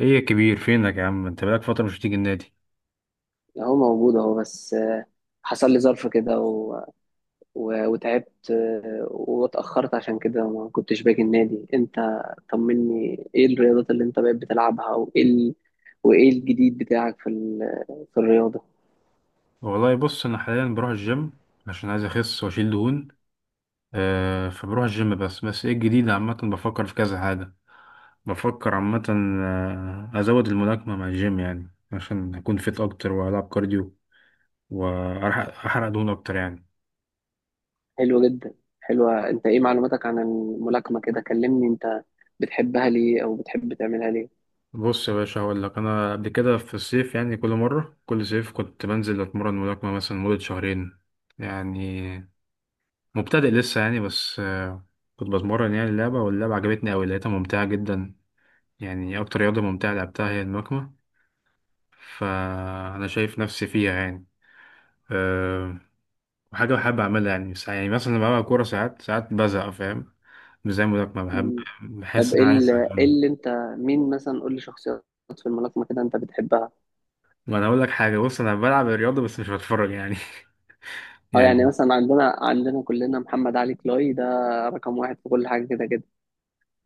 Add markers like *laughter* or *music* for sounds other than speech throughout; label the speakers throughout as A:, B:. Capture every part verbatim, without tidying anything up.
A: ايه يا كبير، فينك يا عم؟ انت بقالك فترة مش بتيجي النادي.
B: اهو موجود اهو بس آه، حصل لي ظرف كده و... و... وتعبت، آه، واتأخرت عشان كده ما كنتش باجي النادي. انت طمني، ايه الرياضات اللي انت بقيت بتلعبها؟ وايه ال... وايه الجديد بتاعك في ال... في الرياضة؟
A: والله بص، انا حاليا بروح الجيم عشان عايز اخس واشيل دهون. آه فبروح الجيم، بس بس ايه الجديد. عامة بفكر في كذا حاجة، بفكر عامة. آه، ازود الملاكمة مع الجيم يعني عشان اكون فيت اكتر والعب كارديو واحرق أحرق دهون اكتر يعني.
B: حلو جدا. حلوة. انت ايه معلوماتك عن الملاكمة كده؟ كلمني انت، بتحبها ليه او بتحب تعملها ليه؟
A: بص يا باشا، هقول لك. انا قبل كده في الصيف يعني، كل مرة كل صيف كنت بنزل اتمرن ملاكمة مثلا مدة شهرين يعني. مبتدئ لسه يعني، بس آه، كنت بتمرن يعني. اللعبة، واللعبة عجبتني أوي، لقيتها ممتعة جدا يعني. أكتر رياضة ممتعة لعبتها هي الملاكمة. فأنا شايف نفسي فيها يعني. أه وحاجة بحب أعملها يعني. ساع- يعني مثلا لما بلعب كورة ساعات ساعات بزهق فاهم، مش زي الملاكمة، بحب
B: مم.
A: بحس
B: طب
A: إن
B: ايه
A: أنا عايز
B: ال- إيه
A: أكمل.
B: اللي انت... مين مثلا؟ قول لي شخصيات في الملاكمة كده انت بتحبها.
A: ما أنا أقول لك حاجة، بص، أنا بلعب الرياضة بس مش بتفرج يعني. *laughs*
B: اه، يعني
A: يعني
B: مثلا عندنا عندنا كلنا محمد علي كلاي ده، رقم واحد في كل حاجة كده كده.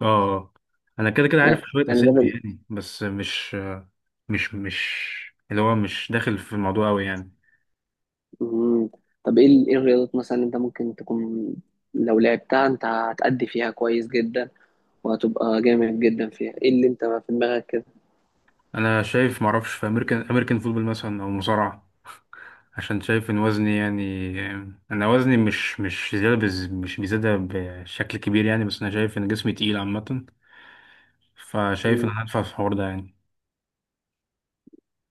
A: آه آه. أنا كده كده عارف
B: يعني
A: شوية
B: يعني ده
A: أسامي
B: بال...
A: يعني، بس مش مش مش اللي هو مش داخل في الموضوع أوي يعني.
B: مم. طب ايه ال- ايه الرياضات مثلا اللي انت ممكن تكون، لو لعبتها انت هتأدي فيها كويس جدا وهتبقى جامد جدا فيها؟ ايه اللي انت في دماغك كده؟
A: انا شايف، معرفش، في امريكان امريكان فوتبول مثلا او مصارعه، عشان شايف ان وزني يعني. انا وزني مش مش زياده بز... مش بيزيادة بشكل كبير يعني، بس انا شايف ان جسمي تقيل عامه. فشايف ان
B: مم.
A: انا هدفع في الحوار ده يعني.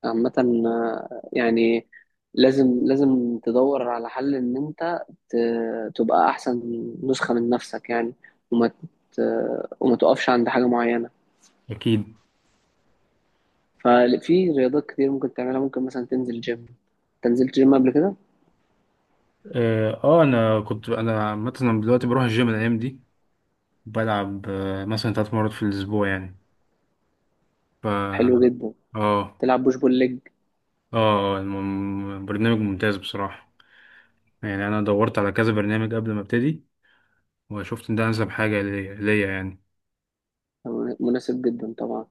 B: عامة آه، يعني لازم لازم تدور على حل ان انت ت- تبقى احسن نسخة من نفسك يعني. وما ت... وما تقفش عند حاجة معينة.
A: اكيد.
B: ففي رياضات كتير ممكن تعملها. ممكن مثلا تنزل جيم. انت نزلت جيم قبل كده؟
A: اه آه، انا كنت انا مثلا دلوقتي بروح الجيم الايام دي، بلعب آه، مثلا ثلاث مرات في الاسبوع يعني. ف اه
B: حلو جدا.
A: اه.
B: تلعب بوش بول ليج؟
A: آه، الم- برنامج ممتاز بصراحه يعني. انا دورت على كذا برنامج قبل ما ابتدي، وشفت ان ده انسب حاجه ليا ليا يعني.
B: مناسب جدا طبعا،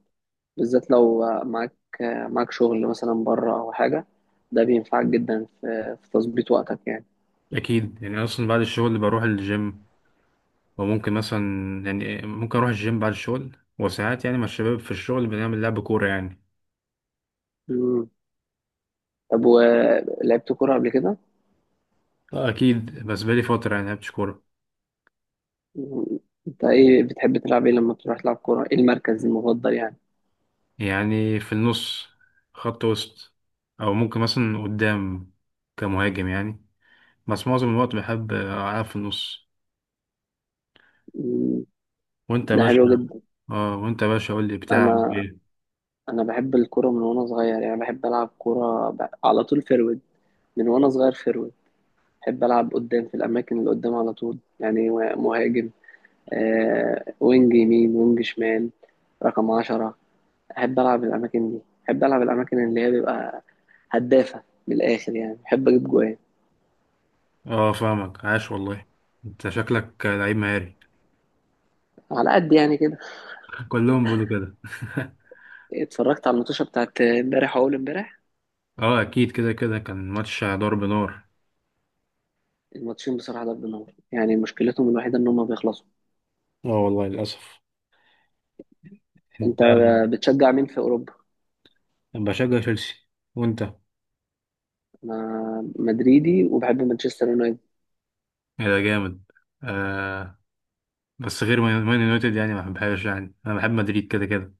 B: بالذات لو معاك معاك شغل مثلا بره او حاجه. ده بينفعك جدا في, في تظبيط وقتك يعني.
A: اكيد يعني، اصلا بعد الشغل بروح الجيم، وممكن مثلا، يعني ممكن اروح الجيم بعد الشغل، وساعات يعني مع الشباب في الشغل بنعمل لعب كوره يعني.
B: مم. طب ولعبت كوره قبل كده؟
A: آه، اكيد، بس بقالي فتره يعني لعبتش كوره.
B: مم. انت ايه بتحب تلعب؟ ايه لما تروح تلعب كوره، ايه المركز المفضل يعني؟
A: يعني في النص، خط وسط، او ممكن مثلا قدام كمهاجم يعني، بس معظم الوقت بحب العب في النص.
B: مم.
A: وانت يا
B: ده
A: باشا؟
B: حلو جدا.
A: اه، وانت يا باشا، قول لي بتلعب
B: انا
A: ايه؟
B: انا بحب الكوره من وانا صغير يعني. بحب العب كوره ب- على طول فيرويد، من وانا صغير فيرويد. بحب ألعب قدام، في الأماكن اللي قدام على طول يعني، مهاجم، آه وينج يمين، وينج شمال، رقم عشرة. أحب ألعب الأماكن دي. أحب ألعب الأماكن اللي هي بيبقى هدافة من الآخر يعني. بحب أجيب جوان.
A: اه فاهمك، عاش والله. انت شكلك لعيب مهاري.
B: على قد يعني كده.
A: *laughs* كلهم بيقولوا كده. *laughs*
B: اتفرجت على الماتشة بتاعت امبارح وأول امبارح.
A: اه اكيد، كده كده كان ماتش ضرب نار.
B: الماتشين بصراحة ضرب نار يعني، مشكلتهم الوحيدة إن هما بيخلصوا.
A: اه والله، للأسف. انت
B: أنت بتشجع مين في أوروبا؟
A: أنا بشجع تشيلسي. وأنت؟
B: أنا مدريدي وبحب مانشستر يونايتد.
A: إيه ده جامد. آه، بس غير مان مان يونايتد يعني، ما بحبهاش يعني، انا بحب مدريد كده كده.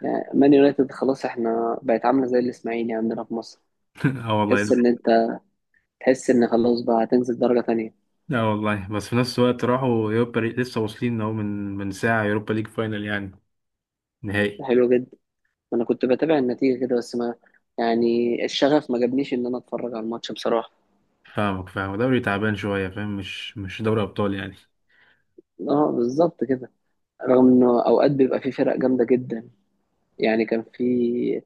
B: يعني مان يونايتد خلاص، احنا بقت عاملة زي الإسماعيلي عندنا في مصر.
A: *laughs* اه والله.
B: تحس ان انت تحس ان خلاص، بقى هتنزل درجة تانية.
A: اه والله، بس في نفس الوقت راحوا يوروبا ليج لسه واصلين اهو، من من ساعة يوروبا ليج فاينل يعني،
B: ده
A: نهائي.
B: حلو جدا. انا كنت بتابع النتيجة كده بس ما يعني الشغف ما جابنيش ان انا اتفرج على الماتش بصراحة.
A: فاهمك، فاهم دوري تعبان شوية، فاهم مش مش دوري ابطال يعني.
B: اه بالظبط كده. رغم انه اوقات بيبقى في فرق جامدة جدا، يعني كان في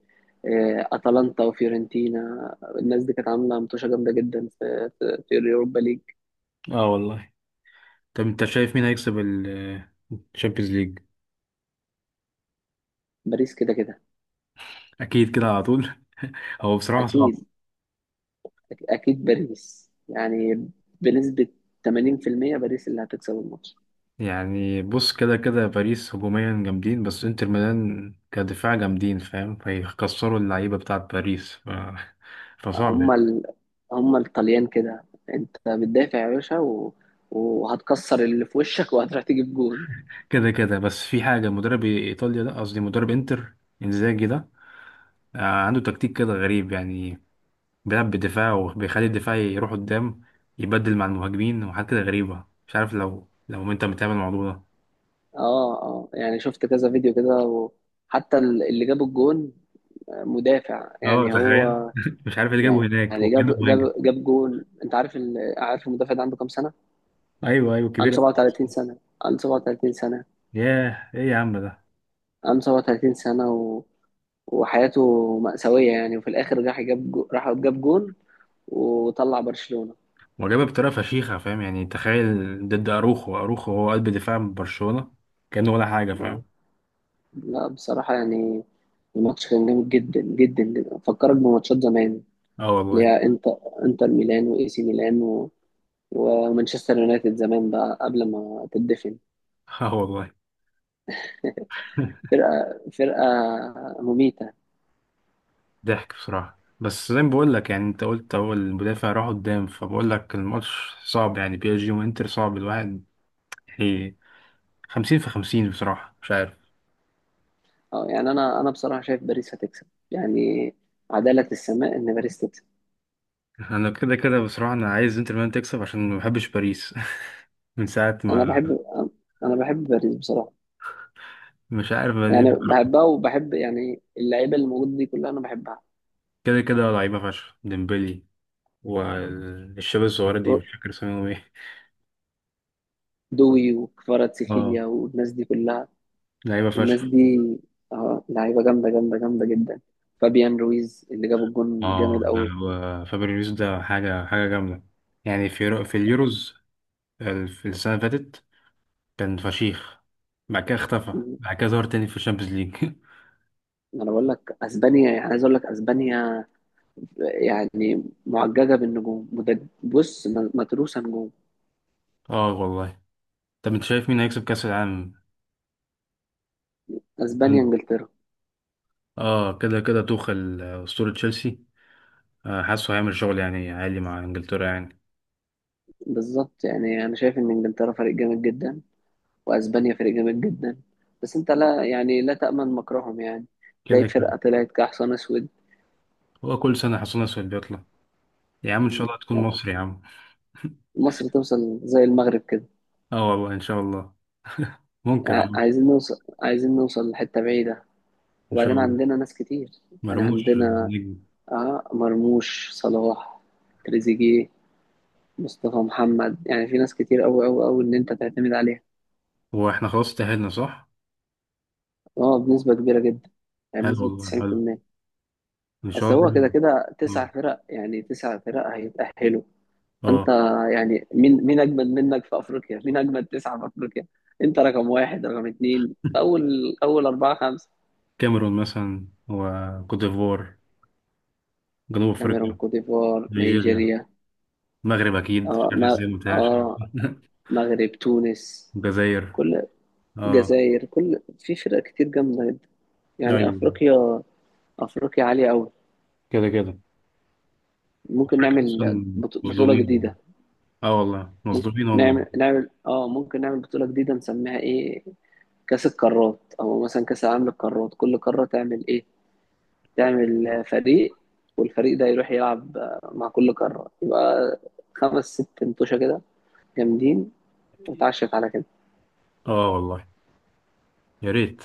B: آه، اتلانتا وفيورنتينا، الناس دي كانت عاملة متوشة جامدة جدا في في في اليوروبا ليج.
A: اه والله. طب انت شايف مين هيكسب الشامبيونز ليج؟
B: باريس كده كده.
A: اكيد كده، على طول. *laughs* هو بصراحة صعب
B: اكيد اكيد باريس يعني، بنسبة ثمانين في المية باريس اللي هتكسب الماتش.
A: يعني. بص، كده كده باريس هجوميا جامدين، بس انتر ميلان كدفاع جامدين فاهم، فيكسروا اللعيبة بتاعت باريس ف... *laughs* فصعب
B: هم
A: يعني.
B: ال... هم الطليان كده. انت بتدافع يا باشا و... وهتكسر اللي في وشك *laughs* وهتروح تجيب جون.
A: كده كده، بس في حاجة، مدرب ايطاليا ده، قصدي مدرب انتر، انزاجي ده، آه، عنده تكتيك كده غريب يعني، بيلعب بدفاع وبيخلي الدفاع يروح قدام، يبدل مع المهاجمين وحاجات كده غريبة، مش عارف لو لو انت متابع الموضوع ده.
B: اه اه، يعني شفت كذا فيديو كده، وحتى ال- اللي جاب الجون مدافع
A: اه
B: يعني هو.
A: تخيل. *laughs* مش عارف اللي جابه هناك
B: يعني جاب
A: وكانه مهاجم.
B: جاب جاب جون. انت عارف ال... عارف المدافع ده عنده كام سنة؟
A: ايوه ايوه،
B: عنده
A: كبير.
B: سبعة وثلاثين سنة. عنده سبعة وثلاثين سنة.
A: ياه، ايه يا عم ده؟
B: عنده سبعة وثلاثين سنة و... وحياته مأساوية يعني، وفي الآخر راح جاب جو... راح جاب جون وطلع برشلونة.
A: وجابها بطريقه فشيخه فاهم يعني، تخيل ضد اروخو، اروخو هو قلب دفاع برشلونه، كانه ولا حاجه
B: اه،
A: فاهم.
B: لا بصراحة يعني، الماتش كان جامد جدا جدا جدا. فكرك بماتشات زمان،
A: اه
B: اللي
A: والله.
B: هي انتر انتر ميلان واي سي ميلان و... ومانشستر يونايتد زمان، بقى قبل ما تدفن.
A: اه والله. *laughs*
B: فرقة فرقة مميتة.
A: ضحك بصراحه. بس زي ما بقول لك يعني، انت قلت هو المدافع راح قدام، فبقول لك الماتش صعب يعني، بي اس جي وانتر صعب، الواحد يعني خمسين في خمسين بصراحه، مش عارف.
B: اه، يعني انا انا بصراحة شايف باريس هتكسب يعني. عدالة السماء ان باريس تكسب.
A: *laughs* انا كده كده بصراحه، انا عايز انتر ميلان تكسب عشان ما بحبش باريس. *laughs* من ساعه
B: انا
A: ما،
B: بحب انا بحب باريس بصراحة.
A: مش عارف ليه
B: يعني
A: بصراحة.
B: بحبها، وبحب يعني اللعيبة اللي موجودة دي كلها، انا بحبها.
A: كده كده لعيبه فشخ، ديمبلي والشباب الصغيره دي مش فاكر اسمهم ايه.
B: دوي
A: *laughs* اه،
B: وكفاراتسخيليا والناس دي كلها.
A: لعيبة
B: الناس
A: فشخ.
B: دي اه لعيبه جامده جامده جامده جدا. فابيان رويز اللي جاب الجون
A: اه،
B: جامد
A: ده
B: قوي.
A: هو فابريو يوسف، ده حاجة حاجة جامدة يعني. في يورو- في اليوروز ال- في السنة اللي فاتت كان فشيخ، بعد كده اختفى، بعد كده ظهر تاني في الشامبيونز ليج.
B: انا بقول لك اسبانيا يعني، عايز اقول لك اسبانيا، يعني معججه بالنجوم. مد- بص م- متروسه نجوم.
A: *laughs* اه والله. طب انت شايف مين هيكسب كأس العالم؟
B: اسبانيا،
A: مم.
B: انجلترا.
A: اه كده كده توخل، آه، أسطورة تشيلسي، آه، حاسه هيعمل شغل يعني عالي مع انجلترا يعني.
B: بالظبط يعني. انا شايف ان انجلترا فريق جامد جدا، واسبانيا فريق جامد جدا. بس انت لا يعني لا تامن مكرهم يعني، تلاقي
A: كده كده.
B: فرقه طلعت كحصان اسود.
A: هو كل سنة حصلنا سؤال بيطلع، يا عم ان شاء
B: م-
A: الله تكون
B: يعني
A: مصر يا عم. *laughs*
B: مصر توصل زي المغرب كده.
A: اه والله، ان شاء الله. *laughs* ممكن يا
B: يعني
A: عم.
B: عايزين نوصل، عايزين نوصل لحته بعيده.
A: ان شاء
B: وبعدين
A: الله.
B: عندنا ناس كتير يعني.
A: مرموش آه،
B: عندنا
A: نجم.
B: آه مرموش، صلاح، تريزيجيه، مصطفى محمد. يعني في ناس كتير أوي أوي أوي إن أنت تعتمد عليها.
A: هو احنا خلاص تأهلنا صح؟
B: اه، بنسبة كبيرة جدا يعني،
A: حلو
B: بنسبة
A: والله، حلو.
B: تسعين بالمية.
A: ان شاء
B: أصل
A: الله
B: هو كده
A: يعني.
B: كده تسع
A: اه
B: فرق، يعني تسع فرق هيتأهلوا. أنت
A: آه.
B: يعني، مين مين أجمد منك في أفريقيا؟ مين أجمد تسعة في أفريقيا؟ أنت رقم واحد، رقم اتنين، أول أول، أربعة، خمسة.
A: كاميرون مثلا، وكوت ديفوار، جنوب
B: كاميرون،
A: افريقيا،
B: كوت ديفوار،
A: نيجيريا،
B: نيجيريا
A: المغرب اكيد، مش
B: اه
A: عارف
B: ما
A: ازاي ما قلتهاش.
B: اه
A: *laughs*
B: مغرب، تونس،
A: الجزائر.
B: كل
A: اه.
B: جزائر. كل، في فرق كتير جامدة جدا يعني.
A: ايوه.
B: أفريقيا أفريقيا عالية أوي.
A: كده كده،
B: ممكن
A: افريقيا
B: نعمل
A: اصلا
B: بط- بطولة
A: مظلومين والله.
B: جديدة.
A: اه والله،
B: ممكن
A: مظلومين والله.
B: نعمل نعمل اه ممكن نعمل بطولة جديدة نسميها ايه؟ كأس القارات، أو مثلا كأس العالم للقارات. كل قارة تعمل ايه؟ تعمل آه، فريق. والفريق ده يروح يلعب آه، مع كل قارة. يبقى خمس ست انتوشة كده جامدين، وتعشت على كده.
A: اه والله، يا ريت.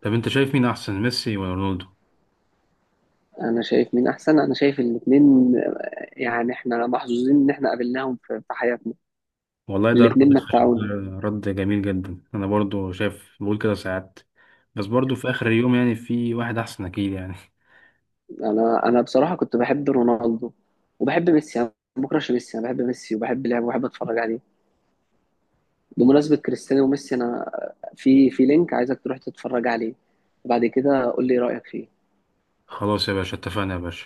A: طب انت شايف مين احسن، ميسي ولا رونالدو؟
B: انا شايف مين احسن؟ انا شايف الاتنين، يعني احنا محظوظين ان احنا قابلناهم في في حياتنا.
A: والله، ده رد
B: الاتنين
A: ده
B: متعونا.
A: رد جميل جدا. انا برضو شايف، بقول كده ساعات، بس برضو في اخر اليوم يعني في واحد احسن اكيد يعني. *laughs*
B: انا انا بصراحة كنت بحب رونالدو وبحب ميسي. انا ما بكرهش ميسي، انا بحب ميسي وبحب لعبه وبحب اتفرج عليه. بمناسبة كريستيانو وميسي، انا في في لينك عايزك تروح تتفرج عليه، وبعد كده قول لي رأيك فيه.
A: خلاص يا باشا، اتفقنا يا باشا.